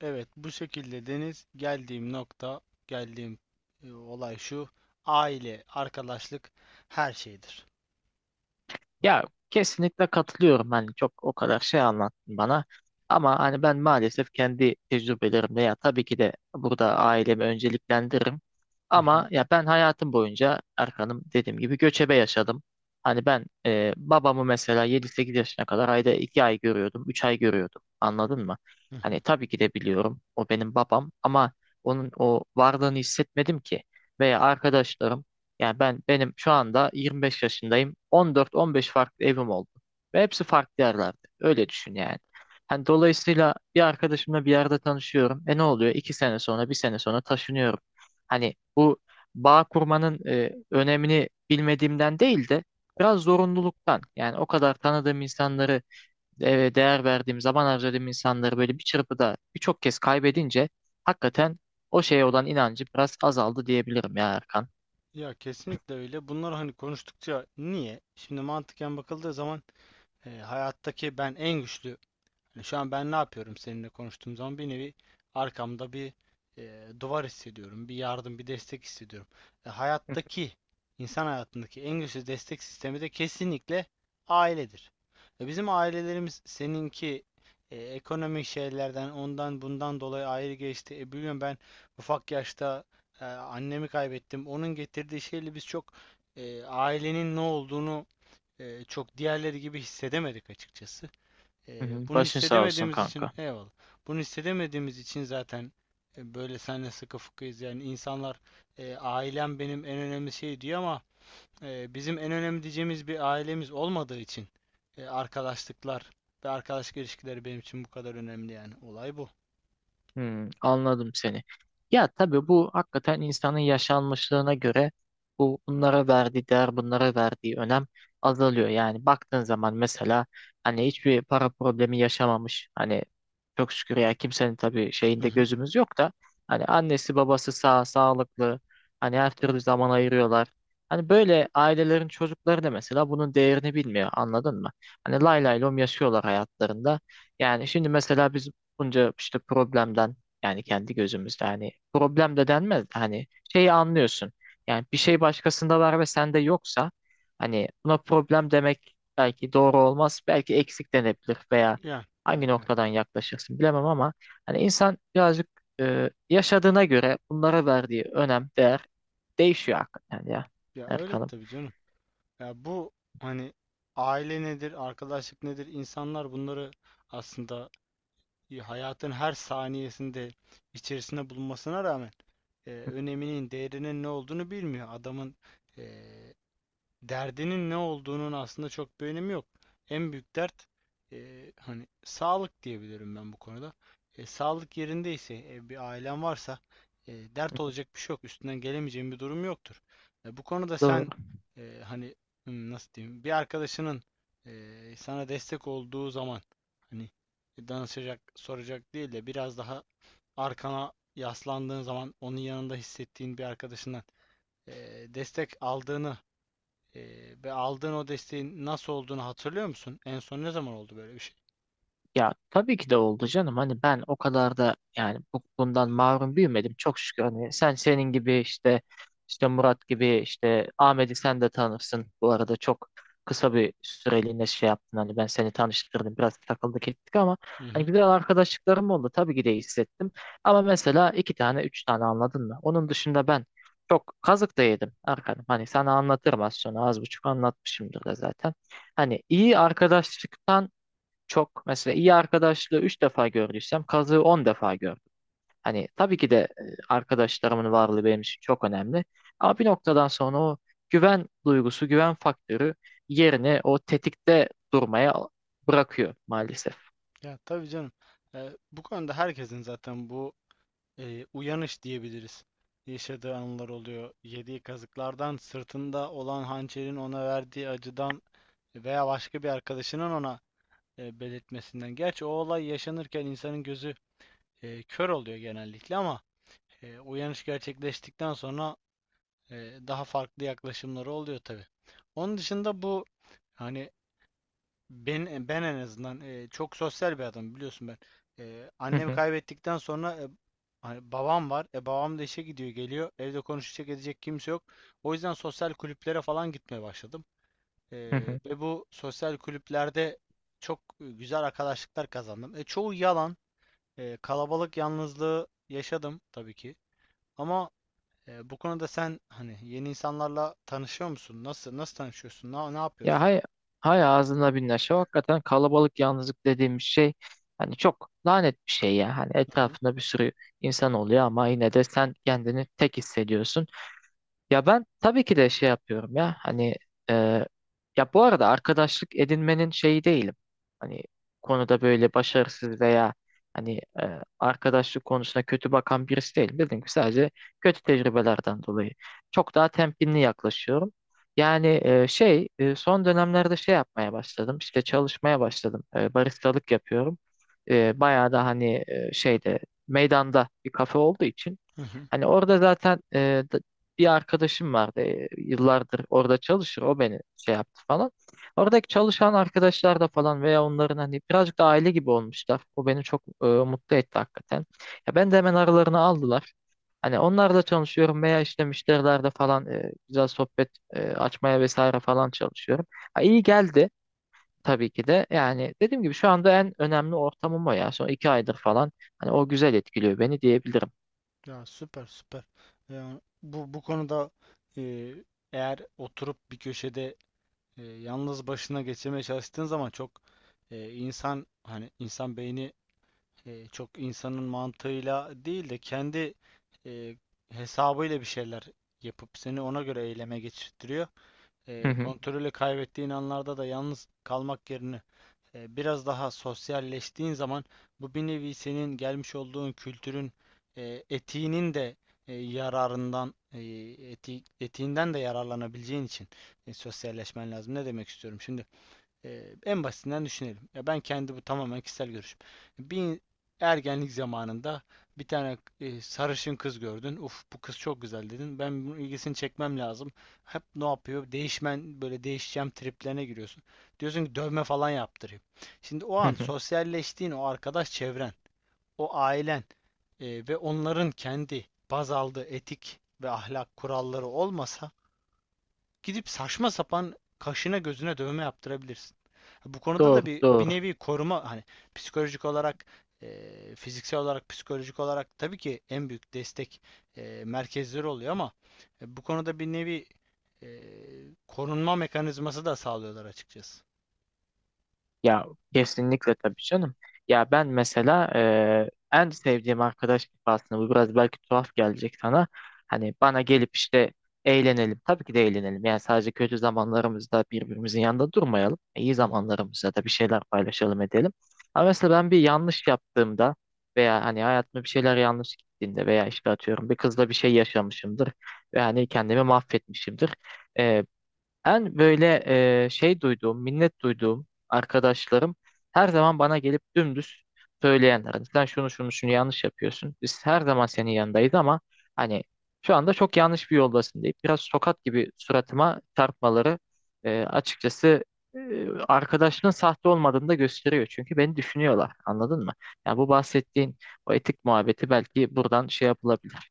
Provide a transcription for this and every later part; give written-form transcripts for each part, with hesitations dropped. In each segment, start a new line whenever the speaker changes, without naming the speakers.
Evet, bu şekilde Deniz, geldiğim nokta, geldiğim e, olay şu. Aile, arkadaşlık her şeydir.
Ya kesinlikle katılıyorum. Hani çok o kadar şey anlattın bana. Ama hani ben maalesef kendi tecrübelerimle ya tabii ki de burada ailemi önceliklendiririm.
Hı hı.
Ama ya ben hayatım boyunca Erkan'ım dediğim gibi göçebe yaşadım. Hani ben babamı mesela 7-8 yaşına kadar ayda 2 ay görüyordum, 3 ay görüyordum. Anladın mı?
Hı
Hani
hı.
tabii ki de biliyorum o benim babam ama onun o varlığını hissetmedim ki. Veya arkadaşlarım yani ben benim şu anda 25 yaşındayım. 14-15 farklı evim oldu. Ve hepsi farklı yerlerde. Öyle düşün yani. Hani dolayısıyla bir arkadaşımla bir yerde tanışıyorum. E ne oluyor? İki sene sonra, bir sene sonra taşınıyorum. Hani bu bağ kurmanın önemini bilmediğimden değil de biraz zorunluluktan. Yani o kadar tanıdığım insanları değer verdiğim, zaman harcadığım insanları böyle bir çırpıda birçok kez kaybedince hakikaten o şeye olan inancı biraz azaldı diyebilirim ya Erkan.
Ya kesinlikle öyle. Bunlar hani konuştukça niye? Şimdi mantıken bakıldığı zaman e, hayattaki ben en güçlü Yani şu an ben ne yapıyorum seninle konuştuğum zaman bir nevi arkamda bir duvar hissediyorum. Bir yardım, bir destek hissediyorum. E, hayattaki, insan hayatındaki en güçlü destek sistemi de kesinlikle ailedir. Bizim ailelerimiz, seninki, ekonomik şeylerden ondan bundan dolayı ayrı geçti. Biliyorum ben ufak yaşta annemi kaybettim. Onun getirdiği şeyle biz çok, ailenin ne olduğunu, çok diğerleri gibi hissedemedik açıkçası.
Hı
Ee,
hı.
bunu
Başın sağ olsun
hissedemediğimiz için
kanka.
eyvallah. Bunu hissedemediğimiz için zaten böyle senle sıkı fıkıyız. Yani insanlar, ailem benim en önemli şey diyor ama bizim en önemli diyeceğimiz bir ailemiz olmadığı için arkadaşlıklar ve arkadaşlık ilişkileri benim için bu kadar önemli yani. Olay bu.
Hmm, anladım seni. Ya tabii bu hakikaten insanın yaşanmışlığına göre bunlara verdiği değer, bunlara verdiği önem azalıyor. Yani baktığın zaman mesela hani hiçbir para problemi yaşamamış. Hani çok şükür ya kimsenin tabii
Hı
şeyinde
hı.
gözümüz yok da hani annesi babası sağ, sağlıklı. Hani her türlü zaman ayırıyorlar. Hani böyle ailelerin çocukları da mesela bunun değerini bilmiyor, anladın mı? Hani lay lay lom yaşıyorlar hayatlarında. Yani şimdi mesela biz bunca işte problemden yani kendi gözümüzde hani problem de denmez de hani şeyi anlıyorsun. Yani bir şey başkasında var ve sende yoksa hani buna problem demek belki doğru olmaz. Belki eksik denebilir veya
Yani,
hangi
yani, evet.
noktadan yaklaşırsın bilemem ama hani insan birazcık yaşadığına göre bunlara verdiği önem, değer değişiyor hakikaten ya
Ya öyle
Erkan'ım.
tabii canım. Ya bu hani aile nedir, arkadaşlık nedir? İnsanlar bunları aslında, ya hayatın her saniyesinde içerisinde bulunmasına rağmen öneminin, değerinin ne olduğunu bilmiyor. Adamın e, derdinin ne olduğunun aslında çok bir önemi yok. En büyük dert, hani, sağlık diyebilirim ben bu konuda. Sağlık yerindeyse, bir ailen varsa, dert olacak bir şey yok. Üstünden gelemeyeceğin bir durum yoktur. Bu konuda
Doğru.
sen, hani, nasıl diyeyim, bir arkadaşının sana destek olduğu zaman, hani, danışacak, soracak değil de biraz daha arkana yaslandığın zaman onun yanında hissettiğin bir arkadaşından e, destek aldığını ve aldığın o desteğin nasıl olduğunu hatırlıyor musun? En son ne zaman oldu böyle bir şey?
Ya tabii ki de oldu canım. Hani ben o kadar da yani bundan mahrum büyümedim. Çok şükür hani senin gibi işte Murat gibi işte Ahmet'i sen de tanırsın. Bu arada çok kısa bir süreliğine şey yaptın. Hani ben seni tanıştırdım. Biraz takıldık ettik ama
Hı
hani
hı.
güzel arkadaşlıklarım oldu. Tabii ki de hissettim. Ama mesela iki tane üç tane, anladın mı? Onun dışında ben çok kazık da yedim Erkan'ım. Hani sana anlatırım az sonra. Az buçuk anlatmışımdır da zaten. Hani iyi arkadaşlıktan çok mesela iyi arkadaşlığı 3 defa gördüysem kazığı 10 defa gördüm. Hani tabii ki de arkadaşlarımın varlığı benim için çok önemli. Ama bir noktadan sonra o güven duygusu, güven faktörü yerini o tetikte durmaya bırakıyor maalesef.
Ya tabii canım. Bu konuda herkesin zaten bu uyanış diyebiliriz. Yaşadığı anılar oluyor. Yediği kazıklardan, sırtında olan hançerin ona verdiği acıdan veya başka bir arkadaşının ona belirtmesinden. Gerçi o olay yaşanırken insanın gözü kör oluyor genellikle ama uyanış gerçekleştikten sonra e, daha farklı yaklaşımları oluyor tabii. Onun dışında bu, hani, ben en azından çok sosyal bir adam biliyorsun ben. E,
Hı
annemi
hı,
kaybettikten sonra hani babam var. Babam da işe gidiyor geliyor. Evde konuşacak edecek kimse yok. O yüzden sosyal kulüplere falan gitmeye başladım. E,
hı hı.
ve bu sosyal kulüplerde çok güzel arkadaşlıklar kazandım. Çoğu yalan. Kalabalık yalnızlığı yaşadım tabii ki. Ama bu konuda sen, hani, yeni insanlarla tanışıyor musun? Nasıl tanışıyorsun? Ne
Ya
yapıyorsun?
hay, hay ağzına bin neşe. Hakikaten kalabalık yalnızlık dediğimiz şey hani çok lanet bir şey ya. Hani
Hı hı.
etrafında bir sürü insan oluyor ama yine de sen kendini tek hissediyorsun. Ya ben tabii ki de şey yapıyorum ya hani e, ya bu arada arkadaşlık edinmenin şeyi değilim. Hani konuda böyle başarısız veya hani arkadaşlık konusuna kötü bakan birisi değilim. Dediğim gibi sadece kötü tecrübelerden dolayı çok daha temkinli yaklaşıyorum. Yani şey son dönemlerde şey yapmaya başladım, işte çalışmaya başladım. Baristalık yapıyorum. Bayağı da hani şeyde meydanda bir kafe olduğu için.
Hı hı.
Hani orada zaten bir arkadaşım vardı. Yıllardır orada çalışır. O beni şey yaptı falan. Oradaki çalışan arkadaşlar da falan veya onların hani birazcık da aile gibi olmuşlar. O beni çok mutlu etti hakikaten. Ya ben de hemen aralarına aldılar. Hani onlarla çalışıyorum veya işte müşterilerde falan güzel sohbet açmaya vesaire falan çalışıyorum. Ha, iyi geldi tabii ki de. Yani dediğim gibi şu anda en önemli ortamım o ya. Son iki aydır falan. Hani o güzel etkiliyor beni diyebilirim.
Ya süper süper. Yani bu konuda, e, eğer oturup bir köşede yalnız başına geçirmeye çalıştığın zaman çok, insan, hani, insan beyni çok insanın mantığıyla değil de kendi e, hesabıyla bir şeyler yapıp seni ona göre eyleme geçirtiyor. E, kontrolü kaybettiğin anlarda da yalnız kalmak yerine biraz daha sosyalleştiğin zaman bu bir nevi senin gelmiş olduğun kültürün, etiğinin de yararından, etiğinden de yararlanabileceğin için sosyalleşmen lazım. Ne demek istiyorum? Şimdi en basitinden düşünelim. Ya ben, kendi, bu tamamen kişisel görüşüm. Bir ergenlik zamanında bir tane sarışın kız gördün. Uf, bu kız çok güzel dedin. Ben bunun ilgisini çekmem lazım. Hep ne yapıyor? Böyle değişeceğim triplerine giriyorsun. Diyorsun ki, dövme falan yaptırayım. Şimdi o an sosyalleştiğin o arkadaş çevren, o ailen, ve onların kendi baz aldığı etik ve ahlak kuralları olmasa gidip saçma sapan kaşına gözüne dövme yaptırabilirsin. Bu konuda da
Doğru,
bir
doğru.
nevi koruma, hani, psikolojik olarak, fiziksel olarak, psikolojik olarak tabii ki en büyük destek merkezleri oluyor ama bu konuda bir nevi korunma mekanizması da sağlıyorlar açıkçası.
Ya kesinlikle tabii canım. Ya ben mesela en sevdiğim arkadaş aslında bu biraz belki tuhaf gelecek sana. Hani bana gelip işte eğlenelim. Tabii ki de eğlenelim. Yani sadece kötü zamanlarımızda birbirimizin yanında durmayalım. İyi
Hı,
zamanlarımızda da bir şeyler paylaşalım edelim. Ama mesela ben bir yanlış yaptığımda veya hani hayatımda bir şeyler yanlış gittiğinde veya işte atıyorum bir kızla bir şey yaşamışımdır ve hani kendimi mahvetmişimdir. En böyle şey duyduğum, minnet duyduğum arkadaşlarım her zaman bana gelip dümdüz söyleyenler. Hani sen şunu şunu şunu yanlış yapıyorsun. Biz her zaman senin yanındayız ama hani şu anda çok yanlış bir yoldasın deyip biraz tokat gibi suratıma çarpmaları açıkçası arkadaşının sahte olmadığını da gösteriyor. Çünkü beni düşünüyorlar. Anladın mı? Yani bu bahsettiğin o etik muhabbeti belki buradan şey yapılabilir,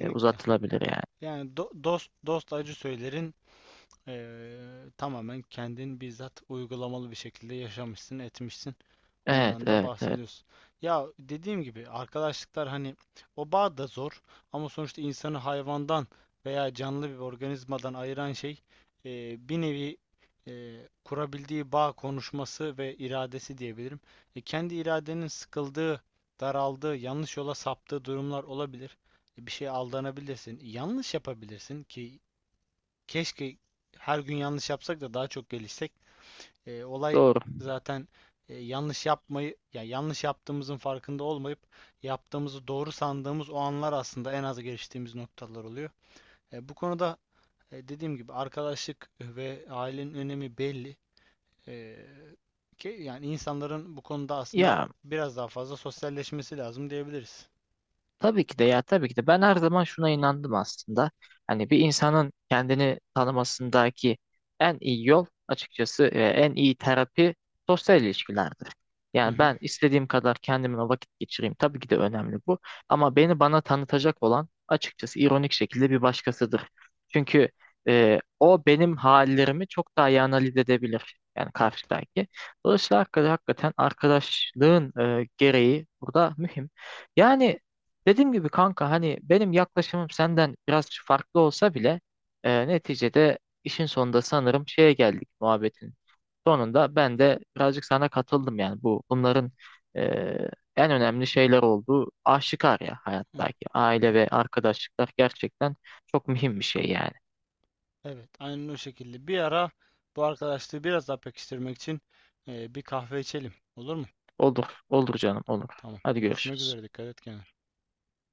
uzatılabilir yani.
Yani dost acı söylerin, eee, tamamen kendin bizzat uygulamalı bir şekilde yaşamışsın, etmişsin.
Evet,
Ondan da
evet, evet.
bahsediyorsun. Ya dediğim gibi arkadaşlıklar, hani, o bağ da zor ama sonuçta insanı hayvandan veya canlı bir organizmadan ayıran şey bir nevi e, kurabildiği bağ, konuşması ve iradesi diyebilirim. Kendi iradenin sıkıldığı, daraldığı, yanlış yola saptığı durumlar olabilir. Bir şeye aldanabilirsin, yanlış yapabilirsin ki keşke her gün yanlış yapsak da daha çok gelişsek. Olay
Doğru.
zaten yanlış yapmayı, ya yanlış yaptığımızın farkında olmayıp yaptığımızı doğru sandığımız o anlar aslında en az geliştiğimiz noktalar oluyor. Bu konuda dediğim gibi arkadaşlık ve ailenin önemi belli. E, ki yani insanların bu konuda aslında
Ya
biraz daha fazla sosyalleşmesi lazım diyebiliriz.
ya tabii ki de ben her zaman şuna inandım aslında. Hani bir insanın kendini tanımasındaki en iyi yol açıkçası en iyi terapi sosyal ilişkilerdir.
Hı
Yani
hı.
ben istediğim kadar kendimle vakit geçireyim. Tabii ki de önemli bu. Ama beni bana tanıtacak olan açıkçası ironik şekilde bir başkasıdır. Çünkü o benim hallerimi çok daha iyi analiz edebilir. Yani
Evet.
karşıdaki. Dolayısıyla hakikaten arkadaşlığın gereği burada mühim. Yani dediğim gibi kanka hani benim yaklaşımım senden biraz farklı olsa bile neticede işin sonunda sanırım şeye geldik muhabbetin sonunda ben de birazcık sana katıldım yani bunların e, en önemli şeyler olduğu aşikar ya
Hı hı.
hayattaki aile ve arkadaşlıklar gerçekten çok mühim bir şey yani.
Evet, aynen o şekilde. Bir ara bu arkadaşlığı biraz daha pekiştirmek için bir kahve içelim. Olur mu?
Olur olur canım olur.
Tamam.
Hadi
Görüşmek
görüşürüz.
üzere. Dikkat et kendine.